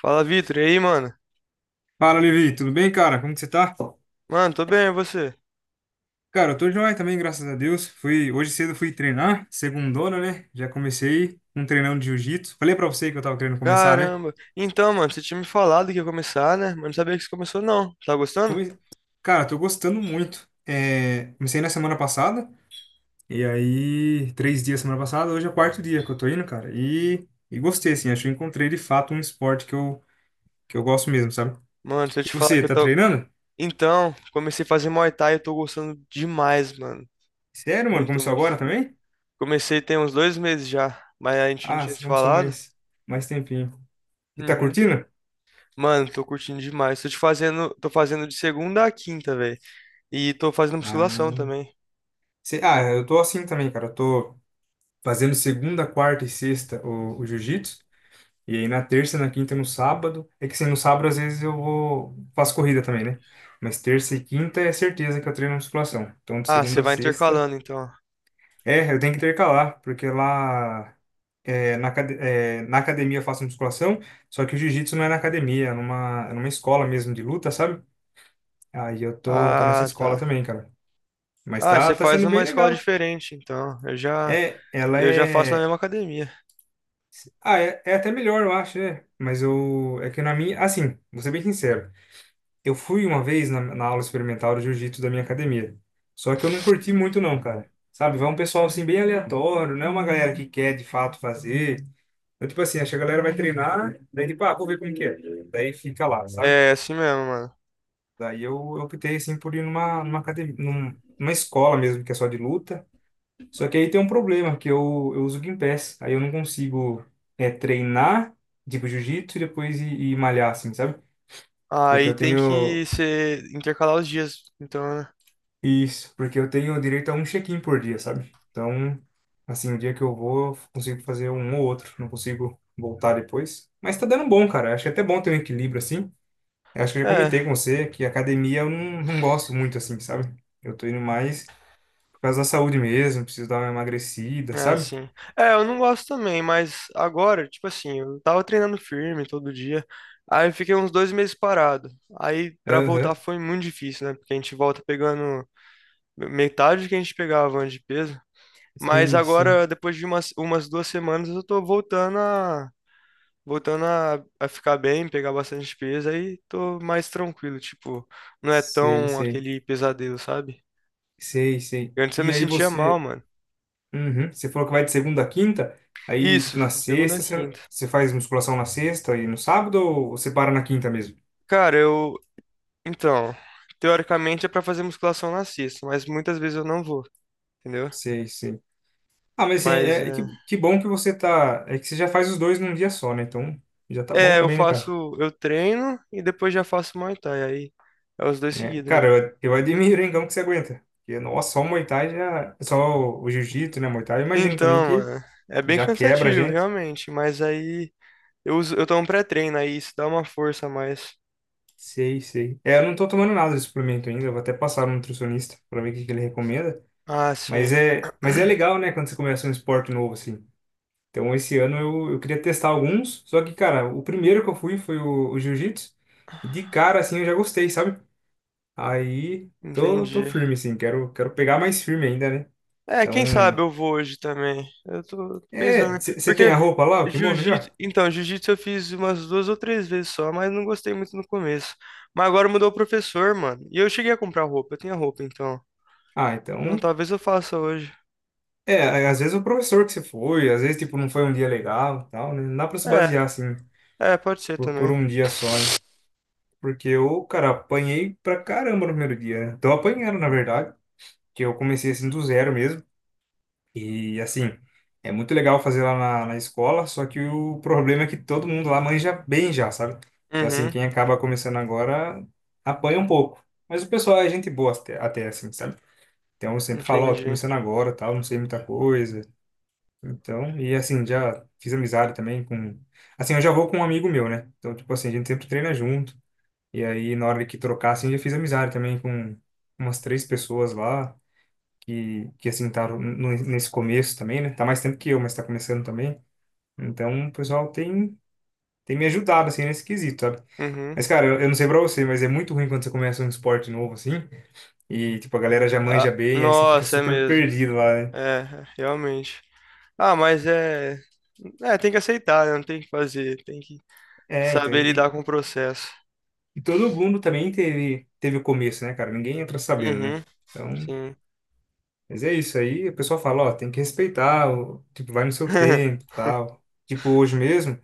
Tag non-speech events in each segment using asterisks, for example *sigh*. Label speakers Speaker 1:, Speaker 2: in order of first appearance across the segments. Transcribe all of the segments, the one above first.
Speaker 1: Fala, Vitor. E aí, mano?
Speaker 2: Fala, Levi, tudo bem, cara? Como que você tá?
Speaker 1: Mano, tô bem, e você?
Speaker 2: Cara, eu tô joia também, graças a Deus. Hoje cedo fui treinar, segundona, né? Já comecei um treinão de jiu-jitsu. Falei pra você que eu tava querendo começar, né?
Speaker 1: Caramba. Então, mano, você tinha me falado que ia começar, né? Mas não sabia que você começou, não. Tá gostando?
Speaker 2: Come... Cara, tô gostando muito. É, comecei na semana passada, e aí, 3 dias semana passada, hoje é o quarto dia que eu tô indo, cara. E gostei, assim, acho que eu encontrei de fato um esporte que eu gosto mesmo, sabe?
Speaker 1: Mano, se eu
Speaker 2: E
Speaker 1: te falar
Speaker 2: você,
Speaker 1: que eu
Speaker 2: tá
Speaker 1: tô.
Speaker 2: treinando?
Speaker 1: Então, comecei a fazer Muay Thai e eu tô gostando demais, mano.
Speaker 2: Sério, mano?
Speaker 1: Muito,
Speaker 2: Começou
Speaker 1: muito.
Speaker 2: agora também?
Speaker 1: Comecei tem uns 2 meses já, mas a gente não
Speaker 2: Ah,
Speaker 1: tinha
Speaker 2: você
Speaker 1: se
Speaker 2: começou
Speaker 1: falado.
Speaker 2: mais tempinho. E tá
Speaker 1: Uhum.
Speaker 2: curtindo?
Speaker 1: Mano, tô curtindo demais. Tô fazendo de segunda a quinta, velho. E tô fazendo musculação
Speaker 2: Ah,
Speaker 1: também.
Speaker 2: Ah, eu tô assim também, cara. Eu tô fazendo segunda, quarta e sexta o jiu-jitsu. E aí na terça, na quinta e no sábado. É que assim, no sábado às vezes eu vou. Faço corrida também, né? Mas terça e quinta é certeza que eu treino musculação. Então de
Speaker 1: Ah,
Speaker 2: segunda
Speaker 1: você
Speaker 2: a
Speaker 1: vai
Speaker 2: sexta.
Speaker 1: intercalando, então.
Speaker 2: É, eu tenho que intercalar, porque lá. Na academia eu faço musculação, só que o jiu-jitsu não é na academia, é numa escola mesmo de luta, sabe? Aí eu tô nessa
Speaker 1: Ah, tá.
Speaker 2: escola também, cara. Mas
Speaker 1: Ah,
Speaker 2: tá,
Speaker 1: você
Speaker 2: tá
Speaker 1: faz
Speaker 2: sendo
Speaker 1: uma
Speaker 2: bem
Speaker 1: escola
Speaker 2: legal.
Speaker 1: diferente, então.
Speaker 2: É, ela
Speaker 1: Eu já faço na
Speaker 2: é.
Speaker 1: mesma academia.
Speaker 2: Ah, é até melhor, eu acho, né? Mas eu. É que na minha. Assim, vou ser bem sincero. Eu fui uma vez na aula experimental de jiu-jitsu da minha academia. Só que eu não curti muito, não, cara. Sabe? Vai um pessoal assim, bem aleatório, não é uma galera que quer de fato fazer. Então, tipo assim, acho que a galera vai treinar, daí, tipo, ah, vou ver como que é. Daí fica lá, sabe?
Speaker 1: É assim mesmo, mano.
Speaker 2: Daí eu optei, assim, por ir numa, academia, numa escola mesmo, que é só de luta. Só que aí tem um problema, que eu uso o Gympass. Aí eu não consigo treinar, tipo, jiu-jitsu e depois ir malhar, assim, sabe? Porque
Speaker 1: Aí
Speaker 2: eu
Speaker 1: tem
Speaker 2: tenho...
Speaker 1: que ser intercalar os dias, então, né?
Speaker 2: Isso, porque eu tenho direito a um check-in por dia, sabe? Então, assim, o dia que eu vou, eu consigo fazer um ou outro. Não consigo voltar depois. Mas tá dando bom, cara. Acho que é até bom ter um equilíbrio, assim. Eu acho que eu já
Speaker 1: É,
Speaker 2: comentei com você que academia eu não gosto muito, assim, sabe? Eu tô indo mais por causa da saúde mesmo, preciso dar uma emagrecida,
Speaker 1: é
Speaker 2: sabe?
Speaker 1: assim. É, eu não gosto também, mas agora, tipo assim, eu tava treinando firme todo dia. Aí eu fiquei uns 2 meses parado. Aí pra
Speaker 2: Aham.
Speaker 1: voltar foi muito difícil, né? Porque a gente volta pegando metade do que a gente pegava antes de peso. Mas
Speaker 2: Sim, sim.
Speaker 1: agora, depois de umas 2 semanas, eu tô voltando a ficar bem, pegar bastante peso, aí tô mais tranquilo, tipo, não é
Speaker 2: Sei,
Speaker 1: tão
Speaker 2: sei,
Speaker 1: aquele pesadelo, sabe?
Speaker 2: sei, sei.
Speaker 1: Antes eu me
Speaker 2: E aí
Speaker 1: sentia mal,
Speaker 2: você,
Speaker 1: mano.
Speaker 2: uhum. Você falou que vai de segunda a quinta, aí
Speaker 1: Isso,
Speaker 2: tipo na
Speaker 1: segunda a
Speaker 2: sexta você,
Speaker 1: quinta.
Speaker 2: você faz musculação na sexta e no sábado ou você para na quinta mesmo?
Speaker 1: Cara, eu, então, teoricamente é pra fazer musculação na sexta, mas muitas vezes eu não vou, entendeu?
Speaker 2: Sei, sei. Ah, mas assim,
Speaker 1: Mas
Speaker 2: é que,
Speaker 1: é,
Speaker 2: que bom que você tá, é que você já faz os dois num dia só, né? Então já tá bom
Speaker 1: é, eu
Speaker 2: também, né, cara?
Speaker 1: faço, eu treino e depois já faço Muay Thai, aí é os dois
Speaker 2: É,
Speaker 1: seguidos
Speaker 2: cara,
Speaker 1: mesmo.
Speaker 2: eu admiro, hein, como que você aguenta. Porque, nossa, só o Muay Thai já, só o Jiu-Jitsu, né, Muay Thai, eu imagino também
Speaker 1: Então,
Speaker 2: que
Speaker 1: mano, é bem
Speaker 2: já quebra a
Speaker 1: cansativo,
Speaker 2: gente.
Speaker 1: realmente, mas aí eu tomo pré-treino, aí isso dá uma força a mais.
Speaker 2: Sei, sei. É, eu não tô tomando nada de suplemento ainda, eu vou até passar no nutricionista para ver o que que ele recomenda.
Speaker 1: Ah, sim,
Speaker 2: Mas é legal, né, quando você começa um esporte novo, assim. Então, esse ano eu queria testar alguns, só que, cara, o primeiro que eu fui foi o jiu-jitsu, e de cara, assim, eu já gostei, sabe? Aí, tô
Speaker 1: entendi.
Speaker 2: firme, assim, quero pegar mais firme ainda, né?
Speaker 1: É,
Speaker 2: Então,
Speaker 1: quem sabe eu vou hoje também. Eu tô pensando, né?
Speaker 2: você tem
Speaker 1: Porque
Speaker 2: a roupa lá, o kimono
Speaker 1: jiu-jitsu,
Speaker 2: já?
Speaker 1: então, jiu-jitsu eu fiz umas duas ou três vezes só, mas não gostei muito no começo. Mas agora mudou o professor, mano. E eu cheguei a comprar roupa, eu tinha roupa então.
Speaker 2: Ah,
Speaker 1: Então
Speaker 2: então,
Speaker 1: talvez eu faça hoje.
Speaker 2: às vezes o professor que você foi, às vezes, tipo, não foi um dia legal, e tal, né? Não dá pra se basear,
Speaker 1: É,
Speaker 2: assim,
Speaker 1: é, pode ser
Speaker 2: por
Speaker 1: também.
Speaker 2: um dia só, hein? Porque eu, cara, apanhei pra caramba no primeiro dia, né? Tô apanhando, na verdade, que eu comecei assim do zero mesmo. E assim, é muito legal fazer lá na escola, só que o problema é que todo mundo lá manja bem já, sabe? Então, assim,
Speaker 1: Uhum,
Speaker 2: quem acaba começando agora apanha um pouco. Mas o pessoal é gente boa até assim, sabe? Então eu sempre falo, ó, tô
Speaker 1: entendi.
Speaker 2: começando agora, tal, não sei muita coisa. Então, e assim, já fiz amizade também com. Assim, eu já vou com um amigo meu, né? Então, tipo assim, a gente sempre treina junto. E aí, na hora que trocar, assim, já fiz amizade também com umas três pessoas lá, que assim, estavam nesse começo também, né? Tá mais tempo que eu, mas tá começando também. Então, o pessoal tem me ajudado, assim, nesse quesito, sabe?
Speaker 1: Uhum.
Speaker 2: Mas, cara, eu não sei pra você, mas é muito ruim quando você começa um esporte novo, assim, e, tipo, a galera já manja
Speaker 1: Ah,
Speaker 2: bem, aí você fica
Speaker 1: nossa, é
Speaker 2: super
Speaker 1: mesmo.
Speaker 2: perdido lá, né?
Speaker 1: É, realmente. Ah, mas é, é, tem que aceitar, né? Não tem o que fazer, tem que
Speaker 2: É, então,
Speaker 1: saber lidar
Speaker 2: e,
Speaker 1: com o processo.
Speaker 2: e todo mundo também teve o começo, né, cara? Ninguém entra sabendo, né?
Speaker 1: Uhum,
Speaker 2: Então,
Speaker 1: sim.
Speaker 2: mas é isso aí, a pessoa fala, ó, tem que respeitar, tipo, vai no seu tempo,
Speaker 1: *laughs*
Speaker 2: tal. Tipo, hoje mesmo,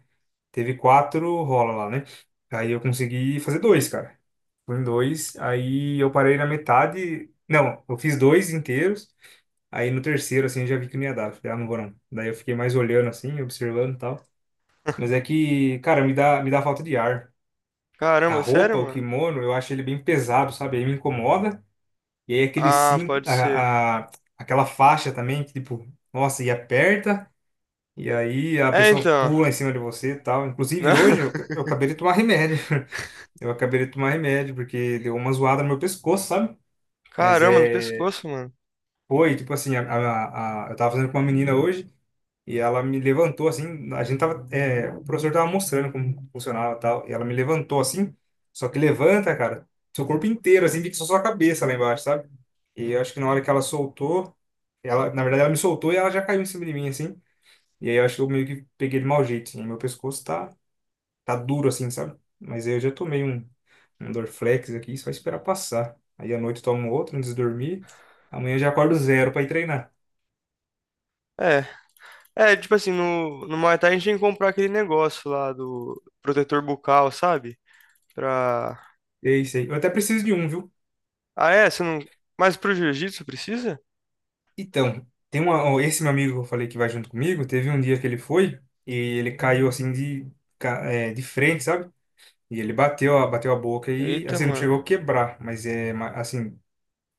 Speaker 2: teve quatro rola lá, né? Aí eu consegui fazer dois, cara. Fui em dois, aí eu parei na metade. Não, eu fiz dois inteiros. Aí no terceiro, assim, eu já vi que não ia dar. Falei, ah, não vou não. Daí eu fiquei mais olhando, assim, observando e tal. Mas é que, cara, me dá falta de ar. A
Speaker 1: Caramba, sério,
Speaker 2: roupa, o
Speaker 1: mano?
Speaker 2: kimono, eu acho ele bem pesado, sabe? Aí me incomoda. E aí aquele
Speaker 1: Ah,
Speaker 2: cinto,
Speaker 1: pode ser.
Speaker 2: aquela faixa também, que tipo, nossa, e aperta, e aí a
Speaker 1: É,
Speaker 2: pessoa
Speaker 1: então.
Speaker 2: pula em cima de você e tal.
Speaker 1: Não.
Speaker 2: Inclusive hoje eu,
Speaker 1: *laughs*
Speaker 2: eu acabei de tomar remédio. *laughs* Eu acabei de tomar remédio, porque deu uma zoada no meu pescoço, sabe? Mas
Speaker 1: Caramba, no
Speaker 2: é.
Speaker 1: pescoço, mano.
Speaker 2: Foi, tipo assim, eu tava fazendo com uma menina hoje. E ela me levantou assim, a gente tava, o professor tava mostrando como funcionava e tal, e ela me levantou assim, só que levanta, cara, seu corpo inteiro, assim, fica só sua cabeça lá embaixo, sabe? E eu acho que na hora que ela soltou, na verdade ela me soltou e ela já caiu em cima de mim, assim, e aí eu acho que eu meio que peguei de mau jeito, assim, meu pescoço tá duro, assim, sabe? Mas aí eu já tomei um Dorflex aqui, só esperar passar. Aí à noite eu tomo outro antes de dormir, amanhã eu já acordo zero pra ir treinar.
Speaker 1: É. É, tipo assim, no Muay Thai a gente tem que comprar aquele negócio lá do protetor bucal, sabe? Pra.
Speaker 2: É isso aí. Eu até preciso de um, viu?
Speaker 1: Ah, é? Você não. Mas pro jiu-jitsu precisa?
Speaker 2: Então, tem uma, ó, esse meu amigo que eu falei que vai junto comigo, teve um dia que ele foi e ele caiu assim de frente, sabe? E ele bateu, bateu a boca e,
Speaker 1: Eita,
Speaker 2: assim, não
Speaker 1: mano.
Speaker 2: chegou a quebrar, mas é, assim,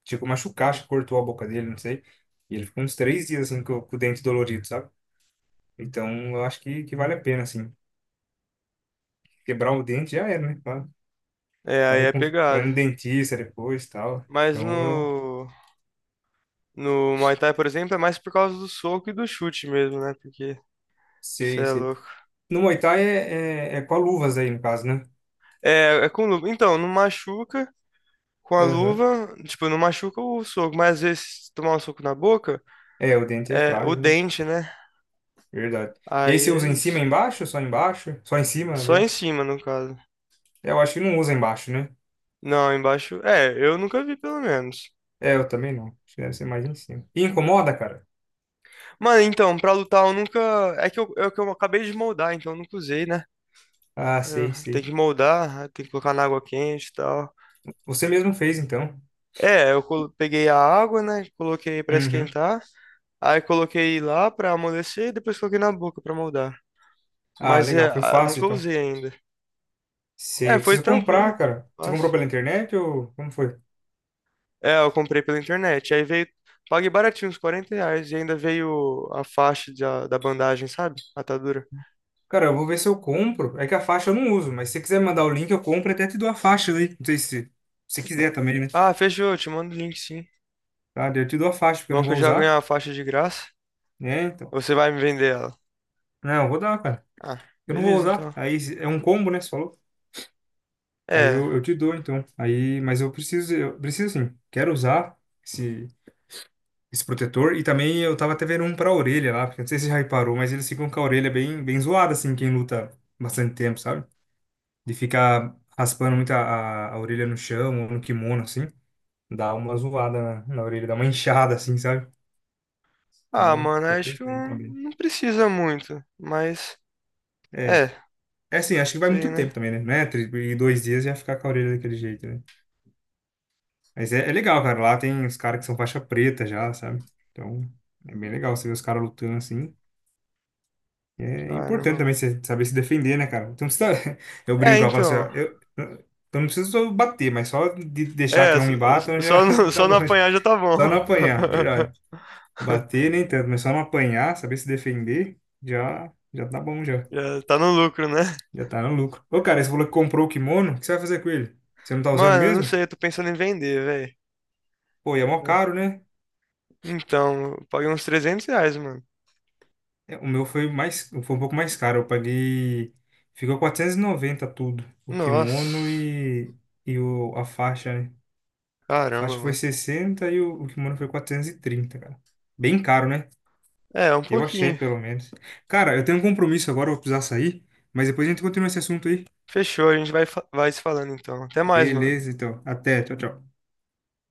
Speaker 2: chegou a machucar, acho que cortou a boca dele, não sei. E ele ficou uns 3 dias, assim, com o dente dolorido, sabe? Então, eu acho que vale a pena, assim. Quebrar o dente já era, né?
Speaker 1: É,
Speaker 2: Pra,
Speaker 1: aí é
Speaker 2: recon- pra ir
Speaker 1: pegado.
Speaker 2: no dentista depois e tal.
Speaker 1: Mas
Speaker 2: Então, eu
Speaker 1: no. No Muay Thai, por exemplo, é mais por causa do soco e do chute mesmo, né? Porque. Você
Speaker 2: sei,
Speaker 1: é
Speaker 2: sei.
Speaker 1: louco.
Speaker 2: No Muay Thai é com a luvas aí, no caso, né?
Speaker 1: É, é com luva. Então, não machuca. Com a
Speaker 2: Aham.
Speaker 1: luva, tipo, não machuca o soco, mas às vezes se tomar um soco na boca,
Speaker 2: É, o dente é
Speaker 1: é o
Speaker 2: frágil, né?
Speaker 1: dente, né?
Speaker 2: Verdade. E
Speaker 1: Aí
Speaker 2: aí você
Speaker 1: é
Speaker 2: usa em cima
Speaker 1: isso.
Speaker 2: e embaixo? Só embaixo? Só em
Speaker 1: É
Speaker 2: cima,
Speaker 1: só em
Speaker 2: aliás?
Speaker 1: cima, no caso.
Speaker 2: É, eu acho que não usa embaixo, né?
Speaker 1: Não, embaixo. É, eu nunca vi, pelo menos.
Speaker 2: É, eu também não. Acho que deve ser mais em cima. E incomoda, cara?
Speaker 1: Mano, então, pra lutar eu nunca. É que eu acabei de moldar, então eu nunca usei, né?
Speaker 2: Ah,
Speaker 1: Eu-
Speaker 2: sei,
Speaker 1: Tem
Speaker 2: sei.
Speaker 1: que moldar, tem que colocar na água quente e tal.
Speaker 2: Você mesmo fez, então.
Speaker 1: É, eu colo- peguei a água, né? Coloquei pra
Speaker 2: Uhum.
Speaker 1: esquentar. Aí coloquei lá pra amolecer e depois coloquei na boca pra moldar.
Speaker 2: Ah,
Speaker 1: Mas é,
Speaker 2: legal. Foi
Speaker 1: ah,
Speaker 2: fácil,
Speaker 1: nunca
Speaker 2: então.
Speaker 1: usei ainda.
Speaker 2: Sei,
Speaker 1: É,
Speaker 2: eu
Speaker 1: foi
Speaker 2: preciso
Speaker 1: tranquilo.
Speaker 2: comprar, cara. Você comprou
Speaker 1: Mas...
Speaker 2: pela internet ou como foi?
Speaker 1: É, eu comprei pela internet. Aí veio. Paguei baratinho, uns R$ 40. E ainda veio a faixa da bandagem, sabe? Atadura.
Speaker 2: Cara, eu vou ver se eu compro. É que a faixa eu não uso, mas se você quiser mandar o link, eu compro e até te dou a faixa aí. Não sei se você quiser também, né?
Speaker 1: Ah, fechou. Eu Te mando o link, sim.
Speaker 2: Tá, daí eu te dou a faixa, porque eu
Speaker 1: Bom
Speaker 2: não
Speaker 1: que eu
Speaker 2: vou
Speaker 1: já ganhei
Speaker 2: usar.
Speaker 1: a faixa de graça.
Speaker 2: É, então.
Speaker 1: Você vai me vender ela.
Speaker 2: Não, eu vou dar, cara.
Speaker 1: Ah,
Speaker 2: Eu não vou
Speaker 1: beleza,
Speaker 2: usar.
Speaker 1: então.
Speaker 2: Aí é um combo, né? Você falou? Aí
Speaker 1: É.
Speaker 2: eu te dou, então. Aí, mas eu preciso sim. Quero usar esse, esse protetor. E também eu tava até vendo um pra orelha lá, porque eu não sei se você já reparou, mas eles ficam com a orelha bem, bem zoada, assim, quem luta bastante tempo, sabe? De ficar raspando muito a orelha no chão ou no kimono, assim. Dá uma zoada na orelha, dá uma inchada, assim, sabe? Então,
Speaker 1: Ah,
Speaker 2: eu
Speaker 1: mano,
Speaker 2: tô
Speaker 1: acho que
Speaker 2: pensando
Speaker 1: não
Speaker 2: também.
Speaker 1: não precisa muito. Mas. É,
Speaker 2: É. É assim, acho que vai
Speaker 1: sei,
Speaker 2: muito tempo
Speaker 1: né?
Speaker 2: também, né? Não é? E 2 dias já ficar com a orelha daquele jeito, né? Mas é legal, cara. Lá tem os caras que são faixa preta já, sabe? Então, é bem legal você ver os caras lutando assim. É importante
Speaker 1: Caramba,
Speaker 2: também
Speaker 1: mano.
Speaker 2: você saber se defender, né, cara? Então, você tá... *laughs* Eu
Speaker 1: É,
Speaker 2: brinco, eu falo assim, ó,
Speaker 1: então.
Speaker 2: eu não preciso só bater, mas só de deixar que
Speaker 1: É,
Speaker 2: não
Speaker 1: só,
Speaker 2: me batam já
Speaker 1: só, não,
Speaker 2: *laughs* tá
Speaker 1: só
Speaker 2: bom.
Speaker 1: não
Speaker 2: Já.
Speaker 1: apanhar já tá
Speaker 2: Só não
Speaker 1: bom.
Speaker 2: apanhar, é verdade.
Speaker 1: *laughs*
Speaker 2: Bater nem tanto, mas só não apanhar, saber se defender, já, já tá bom, já.
Speaker 1: Já tá no lucro, né?
Speaker 2: Já tá no lucro. Ô, cara, você falou que comprou o kimono, o que você vai fazer com ele? Você não tá usando
Speaker 1: Mano, eu não
Speaker 2: mesmo?
Speaker 1: sei, eu tô pensando em vender, velho.
Speaker 2: Pô, e é mó caro,
Speaker 1: É.
Speaker 2: né?
Speaker 1: Então, eu paguei uns R$ 300, mano.
Speaker 2: É, o meu foi mais, foi um pouco mais caro. Eu paguei. Ficou 490 tudo. O kimono
Speaker 1: Nossa,
Speaker 2: e a faixa, né? A
Speaker 1: caramba,
Speaker 2: faixa foi
Speaker 1: mano.
Speaker 2: 60 e o kimono foi 430 cara. Bem caro, né?
Speaker 1: É, um
Speaker 2: Eu achei,
Speaker 1: pouquinho.
Speaker 2: pelo menos. Cara, eu tenho um compromisso agora, eu vou precisar sair. Mas depois a gente continua esse assunto aí.
Speaker 1: Fechou, a gente vai, fa- vai se falando então. Até mais, mano.
Speaker 2: Beleza, então. Até. Tchau, tchau.